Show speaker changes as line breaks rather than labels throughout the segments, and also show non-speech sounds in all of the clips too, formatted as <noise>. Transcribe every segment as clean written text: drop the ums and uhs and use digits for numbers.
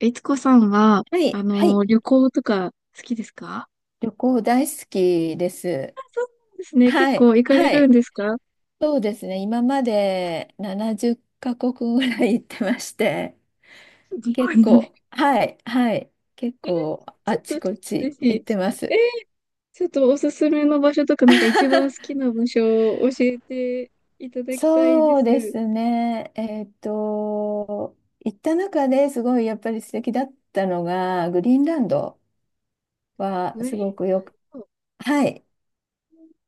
いつこさんは、
はい、はい。
旅行とか好きですか？
旅行大好きです。
そうなんですね。結
はい、
構行かれ
は
るん
い。
ですか？
そうですね。今まで70カ国ぐらい行ってまして、
日
結
本に。
構、はい、はい。結
えー、
構、
ち
あ
ょ
ち
っと、
こ
ぜ
ち
ひ、
行ってま
えー、
す。
ちょっとおすすめの場所とか、なんか一番好き
<laughs>
な場所を教えていただきたいで
そうで
す。
すね。行った中ですごいやっぱり素敵だったのが、グリーンランドは
グ
す
リ
ごく
ー
よく、
ンを、
はい。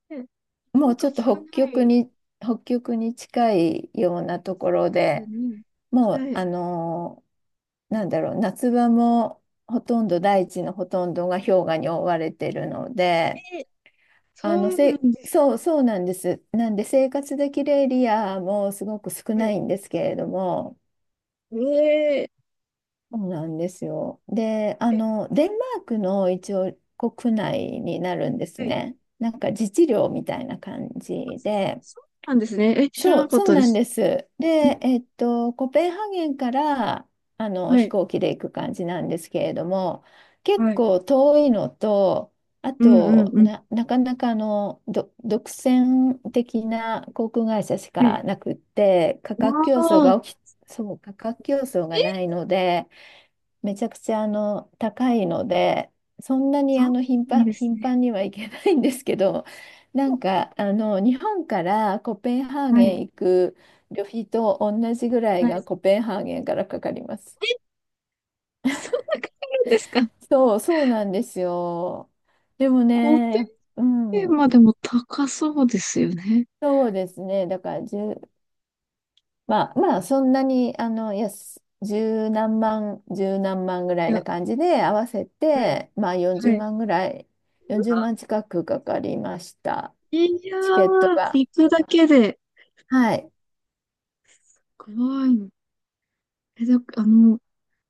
ね、なか
も
な
う
か
ちょっと
聞か
北
ない
極
で
に、北極に近いようなところ
す
で、
ね。
もう、
はい。
なんだろう、夏場もほとんど大地のほとんどが氷河に覆われてるので、
えー、そうなんです
そう、
か。
そうなんです。なんで生活できるエリアもすごく少
は
な
い。
いんですけれども、
え
そうなんですよ。で、
ー、え、
デンマークの一応国内になるんです
はい。
ね。なんか自治領みたいな感じ
あ、
で。
そうなんですね。え、知ら
そ
な
う、
かっ
そう
たで
なん
す。
です。
ん
で、コペンハーゲンから
は
飛
い。
行機で行く感じなんですけれども、結
はい。
構遠いのと、
うんうんうん。
なかなかあのど独占的な航空会社し
はい。
かなくって、価格
あ
競争
あ、
が起き、そう、価格競争がな
え、
いので、めちゃくちゃ高いので、そんなに
そう
頻
なん
繁、
です
頻
ね。
繁には行けないんですけど、<laughs> なんか日本からコペンハー
は
ゲ
い。
ン行く旅費と同じぐらい
はい。
が
え、
コペンハーゲンからかかります。
そんなかかるんですかー？
そう、そうなんですよ。でもね、う
ペー
ん、
までも高そうですよね。
そうですね。だから1そんなに、十何万ぐら
い
いな
や、
感じで合わせ
はい、
て、まあ40
はい。
万ぐらい、
う
40
わ
万近くかかりました。
いや
チケット
ー、
が。
行くだけで
はい。
怖いの。え、だ、あの、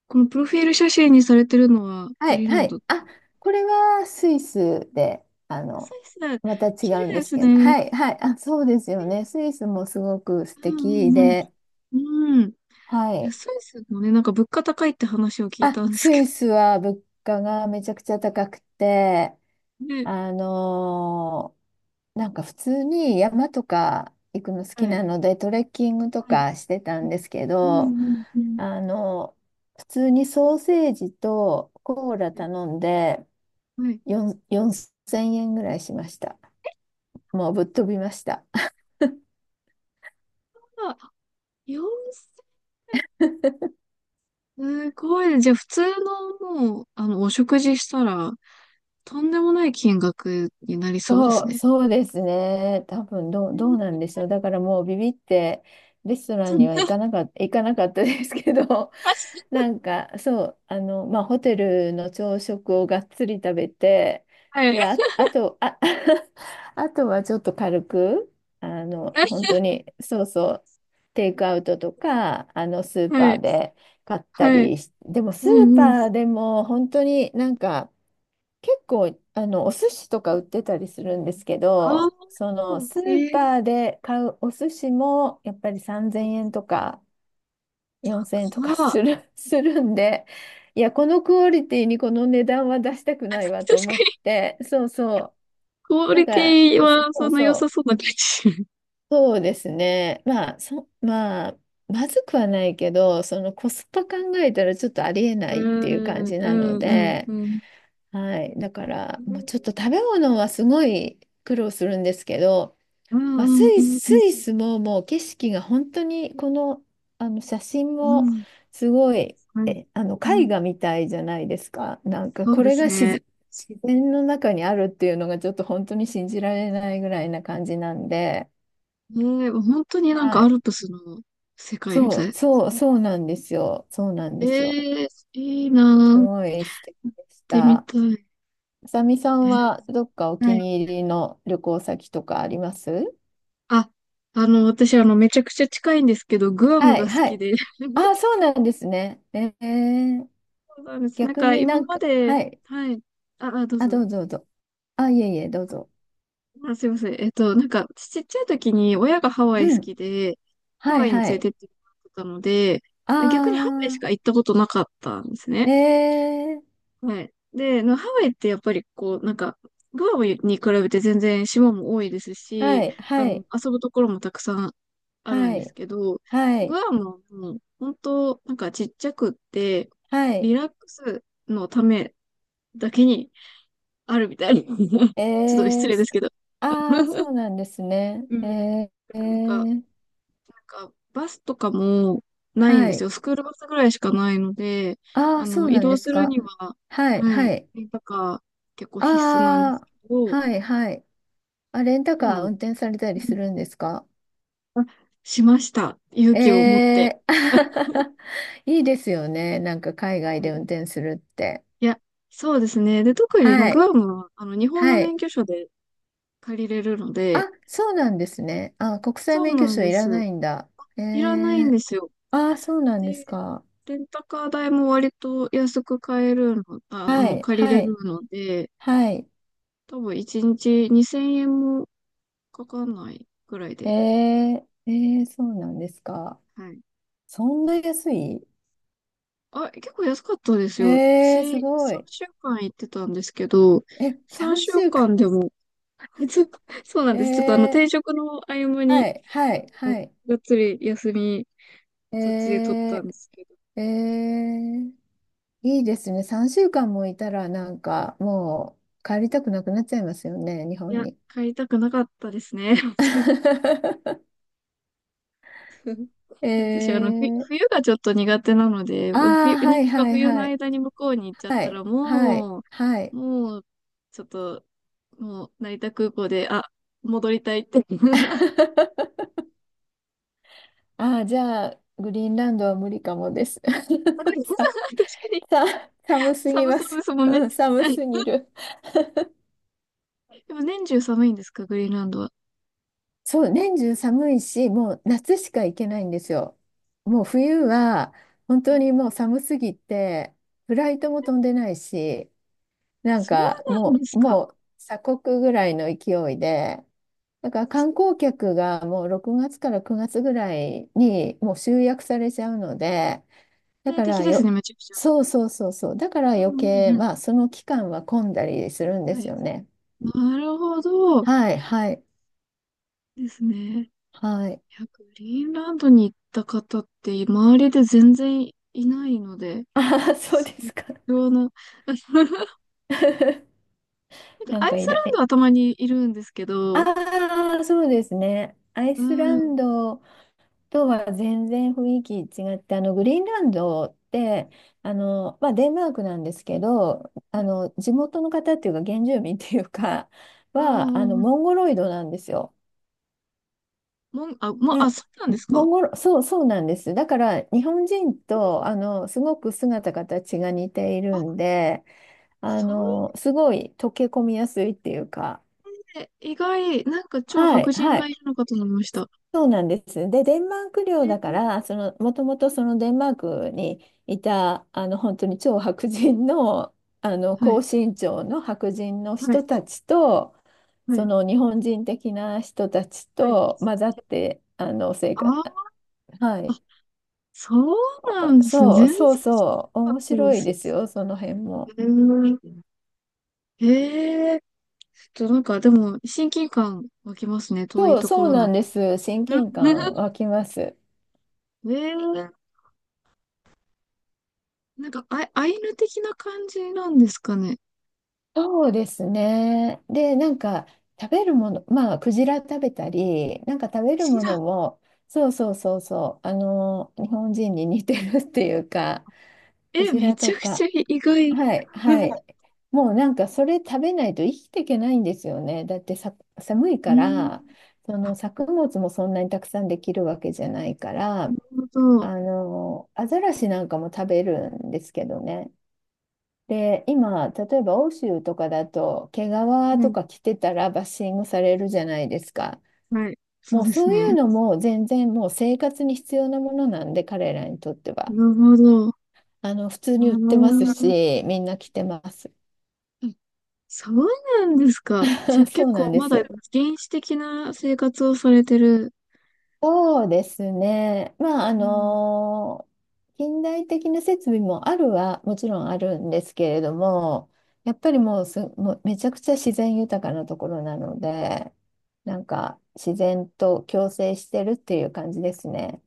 このプロフィール写真にされてるのは
は
グ
い。
リーンラ
は
ン
い。
ド。ス
あ、これはスイスで、
イス、
また違
綺麗
うんで
で
す
す
けど。
ね。
はい。はい。あ、そうですよね。スイスもすごく素
うん
敵
うん
で。
うん。うん。
は
いや
い。
スイスもね、なんか物価高いって話を聞い
あ、
たんです
ス
け
イスは物価がめちゃくちゃ高くて、
ど。ね。
あのーなんか普通に山とか行くの好
は
き
い。
なのでトレッキングと
はい。
かしてたんですけ
うん
ど、
うんうん
あの、普通にソーセージとコーラ
う
頼んで
ん。はい。
4、4000円ぐらいしました。もうぶっ飛びました。
あ、4 0すごいね。じゃあ、普通のもう、お食事したら、とんでもない金額になり
<laughs>
そうで
そ
す
う、
ね。
そうですね。多分
う
どうなん
ん
でしょう。だからもうビビってレストランには
<laughs>
行かなかったですけど、なんかそう、まあ、ホテルの朝食をがっつり食べて、
はい。
で、あ、あと、あ、<laughs> あとはちょっと軽く、本
は
当に、そうそう、テイクアウトとか、スーパ
い。
ーで買った
はい。
りし、でもス
う
ー
ん
パ
う
ー
ん。
でも本当になんか、結構、お寿司とか売ってたりするんですけ
あ
ど、その、ス
あ、
ー
え
パ
え
ーで買うお寿司も、やっぱり3000
か。
円とか、4000円とかする、<laughs> するんで、いや、このクオリティにこの値段は出したくないわと
確
思
か
っ
に、
て、そうそ
クオ
う。だ
リ
か
ティ
ら、そ
はそ
う
んな良さ
そ
そう
う、
な感じ。
そうですね。まあ、まあ、まずくはないけど、そのコスパ考えたらちょっとありえないっていう感
うん、
じなの
うん、
で、
うん。
はい。だから、もうちょっと食べ物はすごい苦労するんですけど、
うん、
まあ、
うん、うん、う
ス
ん。
イスももう景色が本当に、この、写真
う
も
ん
すごい、
はい。うん、
絵画みたいじゃないですか。なんか、
そう
こ
で
れ
す
が
ね。
自然の中にあるっていうのがちょっと本当に信じられないぐらいな感じなんで、
ええ、もう本当になん
は
かア
い。
ルプスの世界み
そ
た
う、
い。
そう、そうなんですよ。そうなんですよ。
ええ、いいなー、
す
行っ
ごい素敵でし
てみ
た。
たい。
あさみさ
え
んはどっかお気
はい。
に入りの旅行先とかあります？
あ、あの、私、めちゃくちゃ近いんですけど、グアム
は
が
い、
好
は
き
い。
で。<laughs>
あ、そうなんですね。えー、
そうなんです。なん
逆
か、
にな
今
ん
ま
か、
で、
はい。
はい。あ、あ、どう
あ、ど
ぞ。
うぞどうぞ。あ、いえいえ、どうぞ。
あ、すいません。なんか、ちっちゃい時に親がハワイ
う
好
ん。
きで、ハ
はい、
ワイに連
は
れ
い。
てってもらってたので、
あ
逆にハワイしか
あ。
行ったことなかったんです
え
ね。
ー、
はい。で、ハワイってやっぱりこう、なんか、グアムに比べて全然島も多いです
は
し、
い、はい、
遊ぶところもたくさんあるん
は
です
い、
けど、
は
グ
い、
アムはもう本当、なんかちっちゃくって、
は
リ
い、
ラックスのためだけにあるみたいな。<laughs>
え
ちょっと失
ー、
礼ですけど。
ああー、そ
<laughs>
うなんですね。
うん。
えー、え
なんか、
ー
なんか、バスとかもないん
は
です
い、
よ。スクールバスぐらいしかないので、
ああ、そう
移
なん
動
です
する
か。
には、
はい、
は
は
い、
い、
レンタカー結構必須なんで
あ
す
あ、
けど、
はい、はい。あ、レンタ
で
カー
も、
運転された
う
りす
ん
るんですか？
あ、しました。勇気を持っ
え
て。
ー、<laughs> いいですよね。なんか海外
は
で運
い、
転するって。
いや、そうですね。で、特に、まあ、
は
グ
い、
アムは、日本の
はい。
免許証で借りれるので、
あ、そうなんですね。あ、国際
そう
免
な
許
ん
証
で
いら
す。
ないんだ。え
いらないん
ー
ですよ。
ああ、そうなんです
で、
か。
レンタカー代も割と安く買えるの、
はい、
借り
は
れる
い、
ので、
はい。
多分1日2000円もかかんないぐらい
え
で。
ー、えー、そうなんですか。
はい。
そんな安い？
あ、結構安かったですよ。
えー、す
私、
ごい。
3週間行ってたんですけど、
え、
3
3
週
週間。
間でも、<laughs> そうそうなんです。ちょっと、
えー、
転職の合間
は
に、
い、はい、
あの
はい。
がっつり休み、そっちで取っ
え
たんですけど。
ー、えー、いいですね。3週間もいたら、なんか、もう帰りたくなくなっちゃいますよね、日
い
本
や、
に。
帰りたくなかったですね。<laughs>
<laughs> え
私、
ー、
冬がちょっと苦手なので、
あ
冬、
あ、は
日
い、
本が
はい、
冬の
はい。
間に向こうに行っちゃっ
は
たら、
い、はい、
も
は
う、
い。
もう、ちょっと、もう、成田空港で、あ、戻りたいって。
ああ、じゃあ、グリーンランドは無理かもです。
<laughs> 確
<laughs> さ、
かに、
寒すぎ
寒
ま
そうで
す。
すもんね。
うん、寒
はい。
すぎる。
でも、年中寒いんですか、グリーンランドは。
そう、年中寒いし、もう夏しか行けないんですよ。もう冬は、本当にもう寒すぎて、フライトも飛んでないし、なん
そう
か
なんですか。
もう鎖国ぐらいの勢いで、だから観光客がもう6月から9月ぐらいにもう集約されちゃうので、だ
定
か
的
ら
ですね、
よ、
めちゃくちゃ。
そうそうそうそう。だから
う
余
ん
計、
うん
まあ、その期間は混んだりするん
う
で
ん。は
す
い。
よね。
なるほど。
はい、はい、
ですね。い
はい。
や、グリーンランドに行った方って、周りで全然いないので、
ああ、そう
す
で
ごい、
すか。
貴重な。なん
<laughs>
か
なん
ア
か
イス
い
ラ
ら、
ン
え、
ドはたまにいるんですけど、
ああ、そうですね。アイ
う
ス
ん。
ラ
う
ン
ん
ドとは全然雰囲気違って、グリーンランドって、まあ、デンマークなんですけど、地元の方っていうか、原住民っていうか、
う
は、
んうん。
モンゴロイドなんですよ。
もん、あ、もう、あ、
な、
そうなんです
モ
か。
ンゴル、そう、そうなんです。だから、日本人
えー
と、すごく姿形が似てい
あ、
るんで、
そう
すごい溶け込みやすいっていうか、
で、意外、なんか超
は
白
い、
人
は
が
い、
いるのかと思いました。
そうなんです。で、デンマーク領
え
だか
ー
ら、もともとそのデンマークにいた、本当に超白人の、
は
高
い、
身長の白人の
は
人
い、
たちと、
は
そ
い、
の日本人的な人たち
はい。
と混ざって、生
あ
活、
ー
はい。
あ、そうな
あ、
んですね。
そ
全
う
然
そう
知ら
そう、
なかっ
面
たで
白いです
す。
よ、その辺も。
えーえー、ちょっとなんかでも親近感湧きますね。遠い
そう、
とこ
そう
ろ
な
なの
んで
に。
す。親近感湧きます。
<laughs> ええなんか、あ、アイヌ的な感じなんですかね。
そうですね。で、なんか食べるもの、まあ、クジラ食べたり、なんか食べる
知
も
らん。
のも、そうそうそうそう、日本人に似てるっていうか、ク
え、
ジ
め
ラ
ち
と
ゃくち
か、
ゃ意外。
はいはい。もうなんかそれ食べないと生きていけないんですよね。だってさ、寒い
う
か
ん。
ら、そ
あ、
の作物もそんなにたくさんできるわけじゃないか
な
ら。
るほど。
アザラシなんかも食べるんですけどね。で、今、例えば欧州とかだと、毛皮
は
と
い。
か着てたらバッシングされるじゃないですか。
はい。そう
もう
です
そうい
ね。
うのも全然もう生活に必要なものなんで、彼らにとって
な
は。
るほど。あ
普通に売ってます
ー
し、みんな着てます。
えそうなんですか。じゃあ
<laughs> そ
結
うな
構
んで
まだ
す。
原始的な生活をされてる。
そうですね。まあ、
うん。
近代的な設備もあるはもちろんあるんですけれども、やっぱりもうめちゃくちゃ自然豊かなところなので、なんか自然と共生してるっていう感じですね。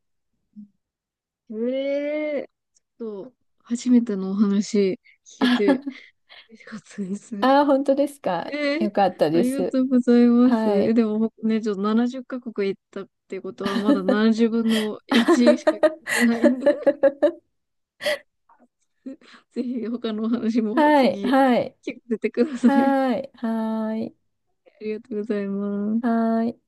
ええちょっと、初めてのお話聞けて
<laughs>
嬉しかったです。
ああー、本当ですか。
えー
よかった
あ
で
りが
す。
とうございます。
は
え、
い。
でもほね、ちょっと70カ国行ったってことは、まだ70分の1しか聞いてないんで、
<laughs>
<laughs> ぜひ他のお話も
はい、
次、
はい、
聞かせてください。
はい、はい、
ありがとうございます。
はい。